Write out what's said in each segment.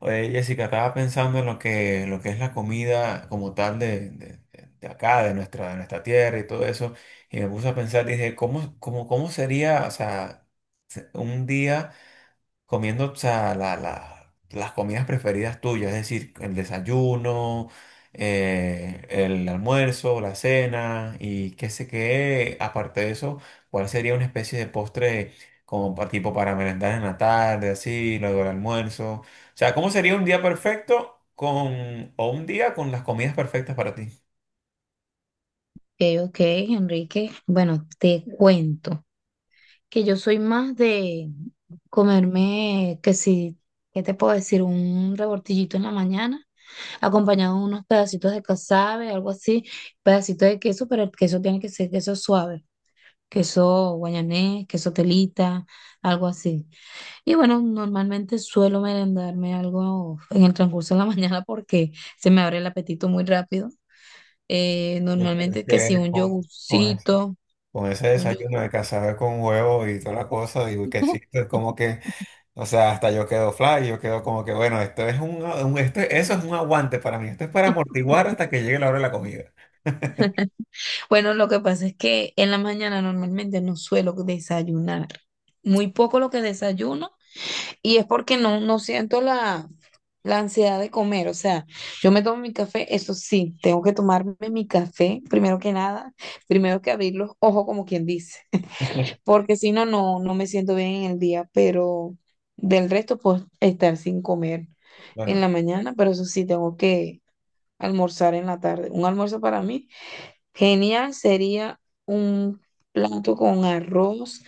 Oye, Jessica, estaba pensando en lo que es la comida como tal de acá, de nuestra tierra y todo eso, y me puse a pensar, dije, cómo sería, o sea, un día comiendo, o sea, las comidas preferidas tuyas, es decir, el desayuno, el almuerzo, la cena y qué sé qué, aparte de eso, ¿cuál sería una especie de postre como tipo para merendar en la tarde, así, luego el almuerzo? O sea, ¿cómo sería un día perfecto con, o un día con las comidas perfectas para ti? Ok, ok, Enrique. Bueno, te cuento que yo soy más de comerme, que si, ¿qué te puedo decir? Un rebortillito en la mañana, acompañado de unos pedacitos de casabe, algo así, pedacito de queso, pero el queso tiene que ser queso suave, queso guayanés, queso telita, algo así. Y bueno, normalmente suelo merendarme algo en el transcurso de la mañana porque se me abre el apetito muy rápido. Ya que Normalmente que si que un con, yogurcito. con ese Un desayuno de yogur. cazabe con huevo y toda la cosa, digo que sí, es como que. O sea, hasta yo quedo fly, yo quedo como que, bueno, esto es un- esto- eso es un aguante para mí, esto es para amortiguar hasta que llegue la hora de la comida. Bueno, lo que pasa es que en la mañana normalmente no suelo desayunar. Muy poco lo que desayuno y es porque no siento la ansiedad de comer. O sea, yo me tomo mi café, eso sí, tengo que tomarme mi café primero que nada, primero que abrir los ojos como quien dice, porque si no, no me siento bien en el día, pero del resto puedo estar sin comer Bueno, en la mañana, pero eso sí, tengo que almorzar en la tarde. Un almuerzo para mí. Genial sería un plato con arroz,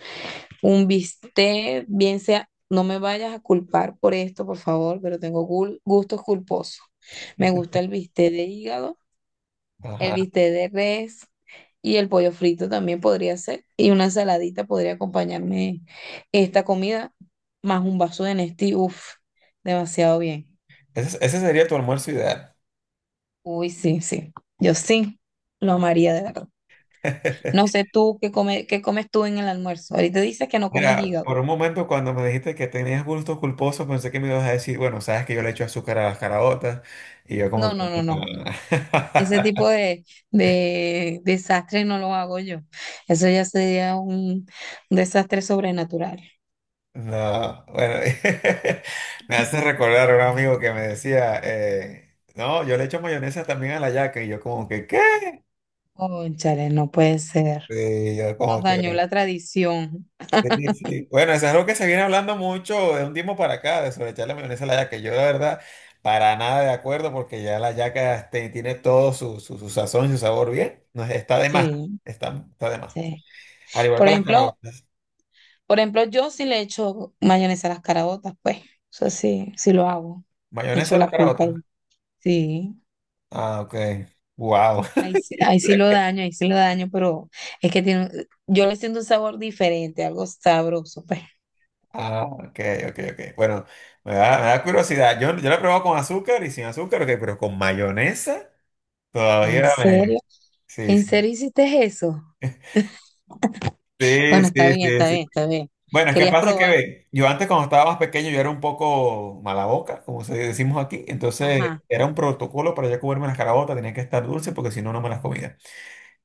un bistec, bien sea, no me vayas a culpar por esto, por favor, pero tengo gustos culposos. Me gusta el bistec de hígado, el ajá. bistec de res y el pollo frito también podría ser. Y una saladita podría acompañarme esta comida, más un vaso de Nestí, uff, demasiado bien. Ese sería tu almuerzo ideal. Uy, sí, sí, yo sí, lo amaría de verdad. No sé tú qué come, qué comes tú en el almuerzo. Ahorita dices que no comes Mira, hígado. por un momento cuando me dijiste que tenías gustos culposos, pensé que me ibas a decir, bueno, sabes que yo le echo azúcar a las caraotas, y yo como No, que... no, no, no. Ese tipo de desastre no lo hago yo. Eso ya sería un desastre sobrenatural. No, bueno, me hace recordar a un amigo que me decía, no, yo le echo mayonesa también a la yaca, y yo como que, ¿qué? Cónchale, no puede ser. Sí, yo Nos como que, dañó la tradición. sí, sí. Bueno, eso es algo que se viene hablando mucho de un tiempo para acá, de sobreecharle mayonesa a la yaca. Yo, la verdad, para nada de acuerdo, porque ya la yaca este, tiene todo su sazón y su sabor bien. No, está de más, Sí, está de más. sí. Al igual Por que las ejemplo, caraotas. por ejemplo, yo sí le echo mayonesa a las caraotas pues. Eso sí, sí lo hago. ¿Mayonesa Echo a las la culpa caraotas? ahí. Sí. Ah, ok. Wow. Ahí, sí ahí sí lo daño, ahí sí lo daño, pero es que tiene, yo le siento un sabor diferente, algo sabroso, pues. Ah, ok, ok, ok. Bueno, me da curiosidad. Yo la he probado con azúcar y sin azúcar, ok, pero con mayonesa ¿En todavía me. serio? Sí, ¿En sí. serio hiciste eso? Sí, Bueno, está sí, bien, sí, está sí. bien, está bien. Bueno, es que Querías pasa que probar. ve, yo antes cuando estaba más pequeño yo era un poco mala boca, como se decimos aquí, entonces Ajá. era un protocolo para yo comerme las carabotas, tenía que estar dulce porque si no, no me las comía.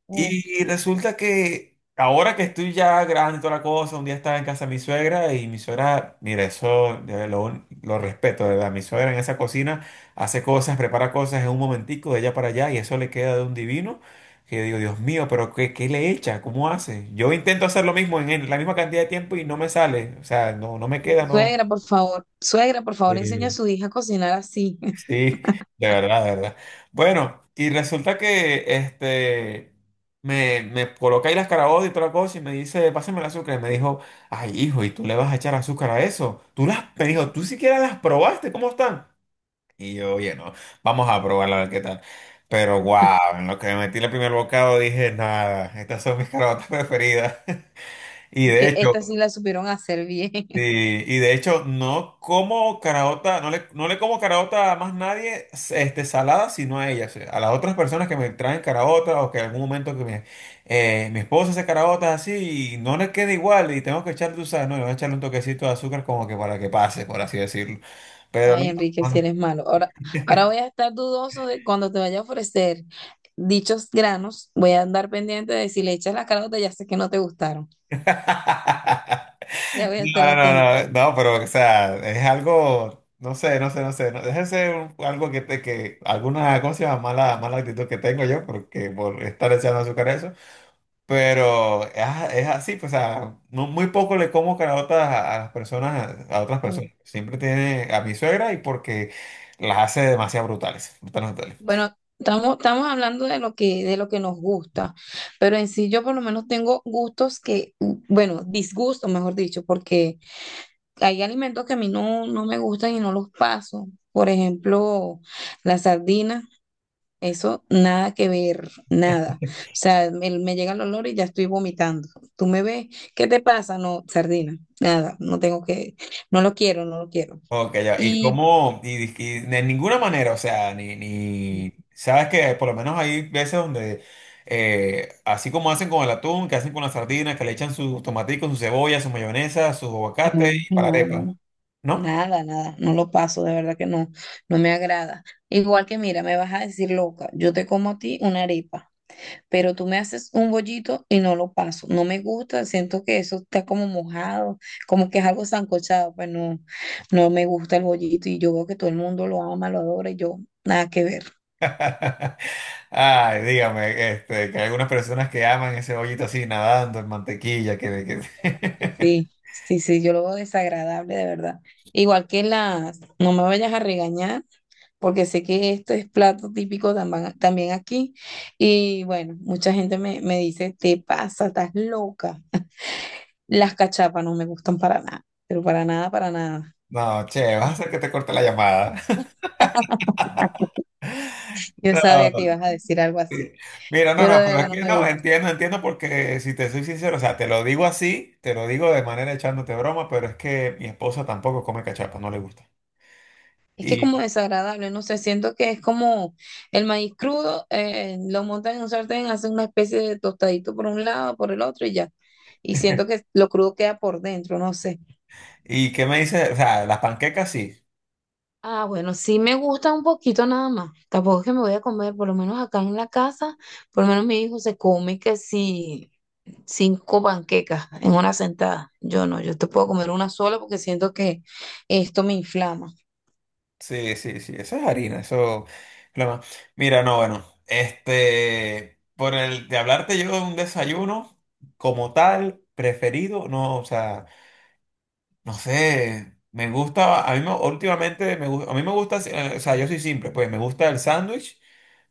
Oh, Y resulta que ahora que estoy ya grande y toda la cosa, un día estaba en casa de mi suegra y mi suegra, mira, eso de verdad, lo respeto, de verdad. Mi suegra en esa cocina hace cosas, prepara cosas en un momentico de allá para allá y eso le queda de un divino que digo, Dios mío, pero ¿qué, qué le echa? ¿Cómo hace? Yo intento hacer lo mismo en la misma cantidad de tiempo y no me sale, o sea, no, no me y queda, no. suegra, por favor, suegra, por favor, enseña a su hija a cocinar así. Sí, de verdad, de verdad. Bueno, y resulta que este me coloca ahí las carabotas y toda la cosa y me dice, pásame el azúcar. Y me dijo, ay, hijo, ¿y tú le vas a echar azúcar a eso? Tú las, me dijo, tú siquiera las probaste, ¿cómo están? Y yo, oye, no, vamos a probarla a ver qué tal. Pero wow, en lo que me metí el primer bocado dije, nada, estas son mis carabotas preferidas. Y de Que hecho, esta sí la supieron hacer bien. sí, y de hecho no como caraota, no le como caraota a más nadie este, salada, sino a ellas, a las otras personas que me traen caraota o que en algún momento que me, mi esposa hace caraotas así y no les queda igual y tengo que echarle, tú sabes, no, le voy a echarle un toquecito de azúcar como que para que pase, por así decirlo. Pero no. Ay, Enrique, si No. eres malo. Ahora, ahora voy a estar dudoso de cuando te vaya a ofrecer dichos granos. Voy a andar pendiente de si le echas las carotas, ya sé que no te gustaron. Ya voy a No, estar no, no, atenta. no, no, no, pero o sea, es algo, no sé, no sé, no sé, no, algo que te, que alguna, ¿cómo se llama? Mala, mala actitud que tengo yo, porque por estar echando azúcar a eso, pero es, es así, pues, o sea, muy poco le como caraotas a las personas, a otras Mm. personas, siempre tiene a mi suegra y porque las hace demasiado brutales, brutales, brutales. Bueno, estamos hablando de lo que nos gusta, pero en sí yo por lo menos tengo gustos que, mm, bueno, disgustos, mejor dicho, porque hay alimentos que a mí no, no me gustan y no los paso. Por ejemplo, la sardina, eso nada que ver, nada. O sea, me llega el olor y ya estoy vomitando. Tú me ves, ¿qué te pasa? No, sardina, nada, no tengo que, no lo quiero, no lo quiero. Ok, ya. Y Y cómo, y de ninguna manera, o sea, ni, sabes que por lo menos hay veces donde, así como hacen con el atún, que hacen con las sardinas, que le echan sus tomaticos, su cebolla, su mayonesa, su aguacate no, y para la no, arepa, no. ¿no? Nada, nada, no lo paso, de verdad que no, no me agrada. Igual que mira, me vas a decir loca, yo te como a ti una arepa, pero tú me haces un bollito y no lo paso, no me gusta, siento que eso está como mojado, como que es algo sancochado, pues no, no me gusta el bollito y yo veo que todo el mundo lo ama, lo adora y yo, nada que ver. Ay, dígame, este, que hay algunas personas que aman ese bollito así nadando en mantequilla, que... Sí, sí, sí, yo lo veo desagradable, de verdad. Igual que las, no me vayas a regañar porque sé que esto es plato típico tamban- también aquí. Y bueno, mucha gente me dice, te pasa, estás loca. Las cachapas no me gustan para nada, pero para nada, para nada. No, che, vas a hacer que te corte la llamada. Yo sabía que No. ibas a decir algo así, Mira, no, pero no, de pero es verdad no que me no, gusta. entiendo, entiendo porque si te soy sincero, o sea, te lo digo así, te lo digo de manera echándote broma, pero es que mi esposa tampoco come cachapa, no le gusta. Es que Y, como desagradable, no sé, siento que es como el maíz crudo, lo montan en un sartén, hacen una especie de tostadito por un lado, por el otro y ya. Y siento que lo crudo queda por dentro, no sé. y qué me dice, o sea, las panquecas sí, Ah, bueno, sí me gusta un poquito nada más. Tampoco es que me voy a comer, por lo menos acá en la casa, por lo menos mi hijo se come que si cinco panquecas en una sentada. Yo no, yo te puedo comer una sola porque siento que esto me inflama, sí, sí, sí, eso es harina, eso es lo más. Mira, no, bueno, este, por el de hablarte yo de un desayuno como tal, preferido, no, o sea. No sé, me gusta, a últimamente me gusta, a mí me gusta, o sea, yo soy simple, pues me gusta el sándwich,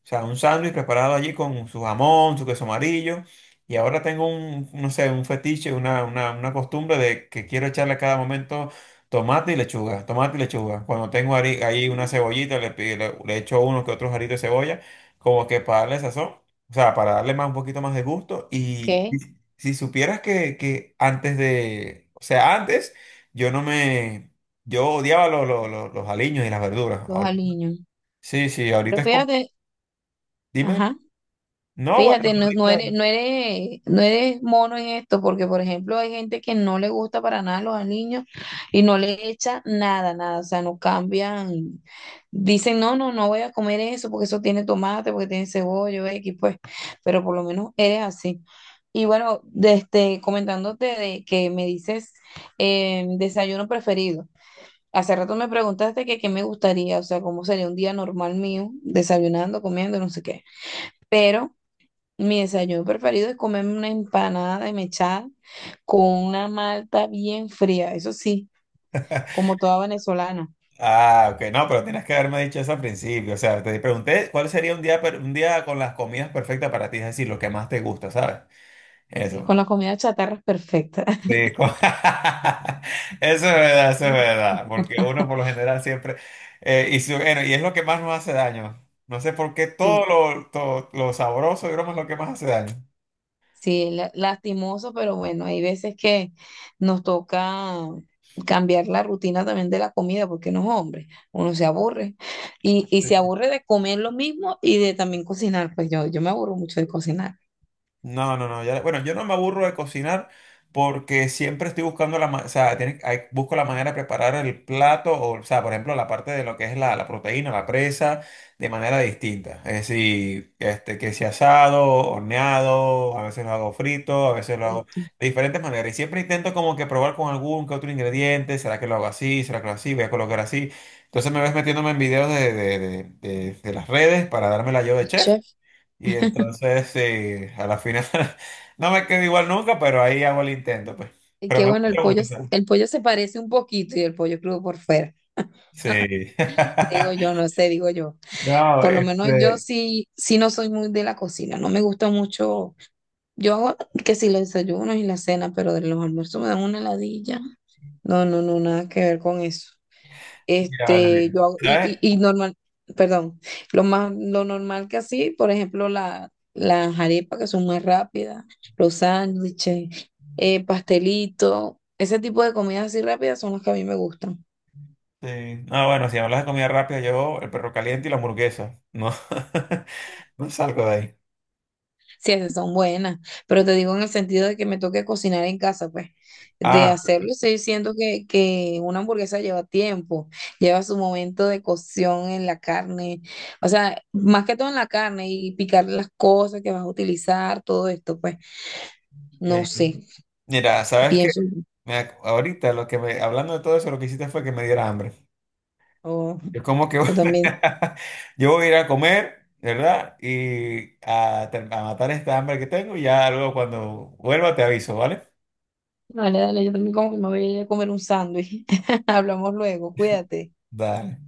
o sea, un sándwich preparado allí con su jamón, su queso amarillo, y ahora tengo un, no sé, un fetiche, una costumbre de que quiero echarle a cada momento tomate y lechuga, tomate y lechuga. Cuando tengo ahí una cebollita, le echo uno que otros aritos de cebolla, como que para darle sazón, o sea, para darle más, un poquito más de gusto, y ¿ok? Si supieras que antes de, o sea, antes... Yo no me... Yo odiaba los aliños y las verduras. Los Ahorita- aliños. Sí, sí, ahorita Pero es como... fíjate, Dime. ajá. No, bueno, Fíjate, no, no eres, ahorita- no eres, no eres mono en esto, porque por ejemplo hay gente que no le gusta para nada los aliños y no le echa nada, nada, o sea, no cambian, dicen, no, no, no voy a comer eso porque eso tiene tomate, porque tiene cebolla, X, pues, pero por lo menos eres así. Y bueno, de este, comentándote de que me dices desayuno preferido. Hace rato me preguntaste que qué me gustaría, o sea, cómo sería un día normal mío, desayunando, comiendo, no sé qué. Pero mi desayuno preferido es comerme una empanada de mechada con una malta bien fría, eso sí, como toda venezolana, Ah, ok, no, pero tienes que haberme dicho eso al principio. O sea, te pregunté cuál sería un día, un día con las comidas perfectas para ti, es decir, lo que más te gusta, ¿sabes? y Eso. con la comida chatarra es perfecta. Sí, eso es verdad, eso es verdad, porque uno por lo general siempre... bueno, y es lo que más nos hace daño. No sé por qué Sí, todo lo sabroso, digamos, es lo que más hace daño. sí, lastimoso, pero bueno, hay veces que nos toca cambiar la rutina también de la comida, porque no es hombre, uno se aburre y se aburre de comer lo mismo y de también cocinar, pues yo me aburro mucho de cocinar. No, no, no. Ya- bueno, yo no me aburro de cocinar porque siempre estoy buscando o sea, busco la manera de preparar el plato, o sea, por ejemplo, la parte de lo que es la proteína, la presa, de manera distinta. Es decir, este, que sea asado, horneado, a veces lo hago frito, a veces lo Ay, hago qué. de diferentes maneras. Y siempre intento como que probar con algún que otro ingrediente. ¿Será que lo hago así? ¿Será que lo hago así? Voy a colocar así. Entonces me ves metiéndome en videos de las redes para darme la yo de chef. Y entonces, sí, a la final no me quedo igual nunca, pero ahí hago el intento, pues. Y Pero que me bueno, gusta, me gusta. O el pollo se parece un poquito y el pollo crudo por fuera. sí. Digo yo, no sé, digo yo. No, Por lo menos yo este, sí, sí no soy muy de la cocina, no me gusta mucho. Yo hago que si los desayunos y la cena, pero de los almuerzos me dan una heladilla. No, no, no, nada que ver con eso. mira, vale, Este, bien. Y, y, ¿Sabes? y normal, perdón, lo más, lo normal que así, por ejemplo, la, las arepas que son más rápidas, los sándwiches, pastelito, ese tipo de comidas así rápidas son las que a mí me gustan. Sí. No, bueno, si hablas de comida rápida, yo el perro caliente y la hamburguesa. No, no salgo de ahí. Sí, esas son buenas, pero te digo en el sentido de que me toque cocinar en casa, pues, de Ah, hacerlo, estoy siento que una hamburguesa lleva tiempo, lleva su momento de cocción en la carne, o sea, más que todo en la carne y picar las cosas que vas a utilizar, todo esto, pues, no sí. sé, Mira, ¿sabes qué? pienso, Ahorita lo que me, hablando de todo eso, lo que hiciste fue que me diera hambre. o Es como que yo también, yo voy a ir a comer, ¿verdad? Y a, a matar esta hambre que tengo y ya luego cuando vuelva te aviso, ¿vale? dale, dale, yo también como que me voy a ir a comer un sándwich, hablamos luego, cuídate. Dale.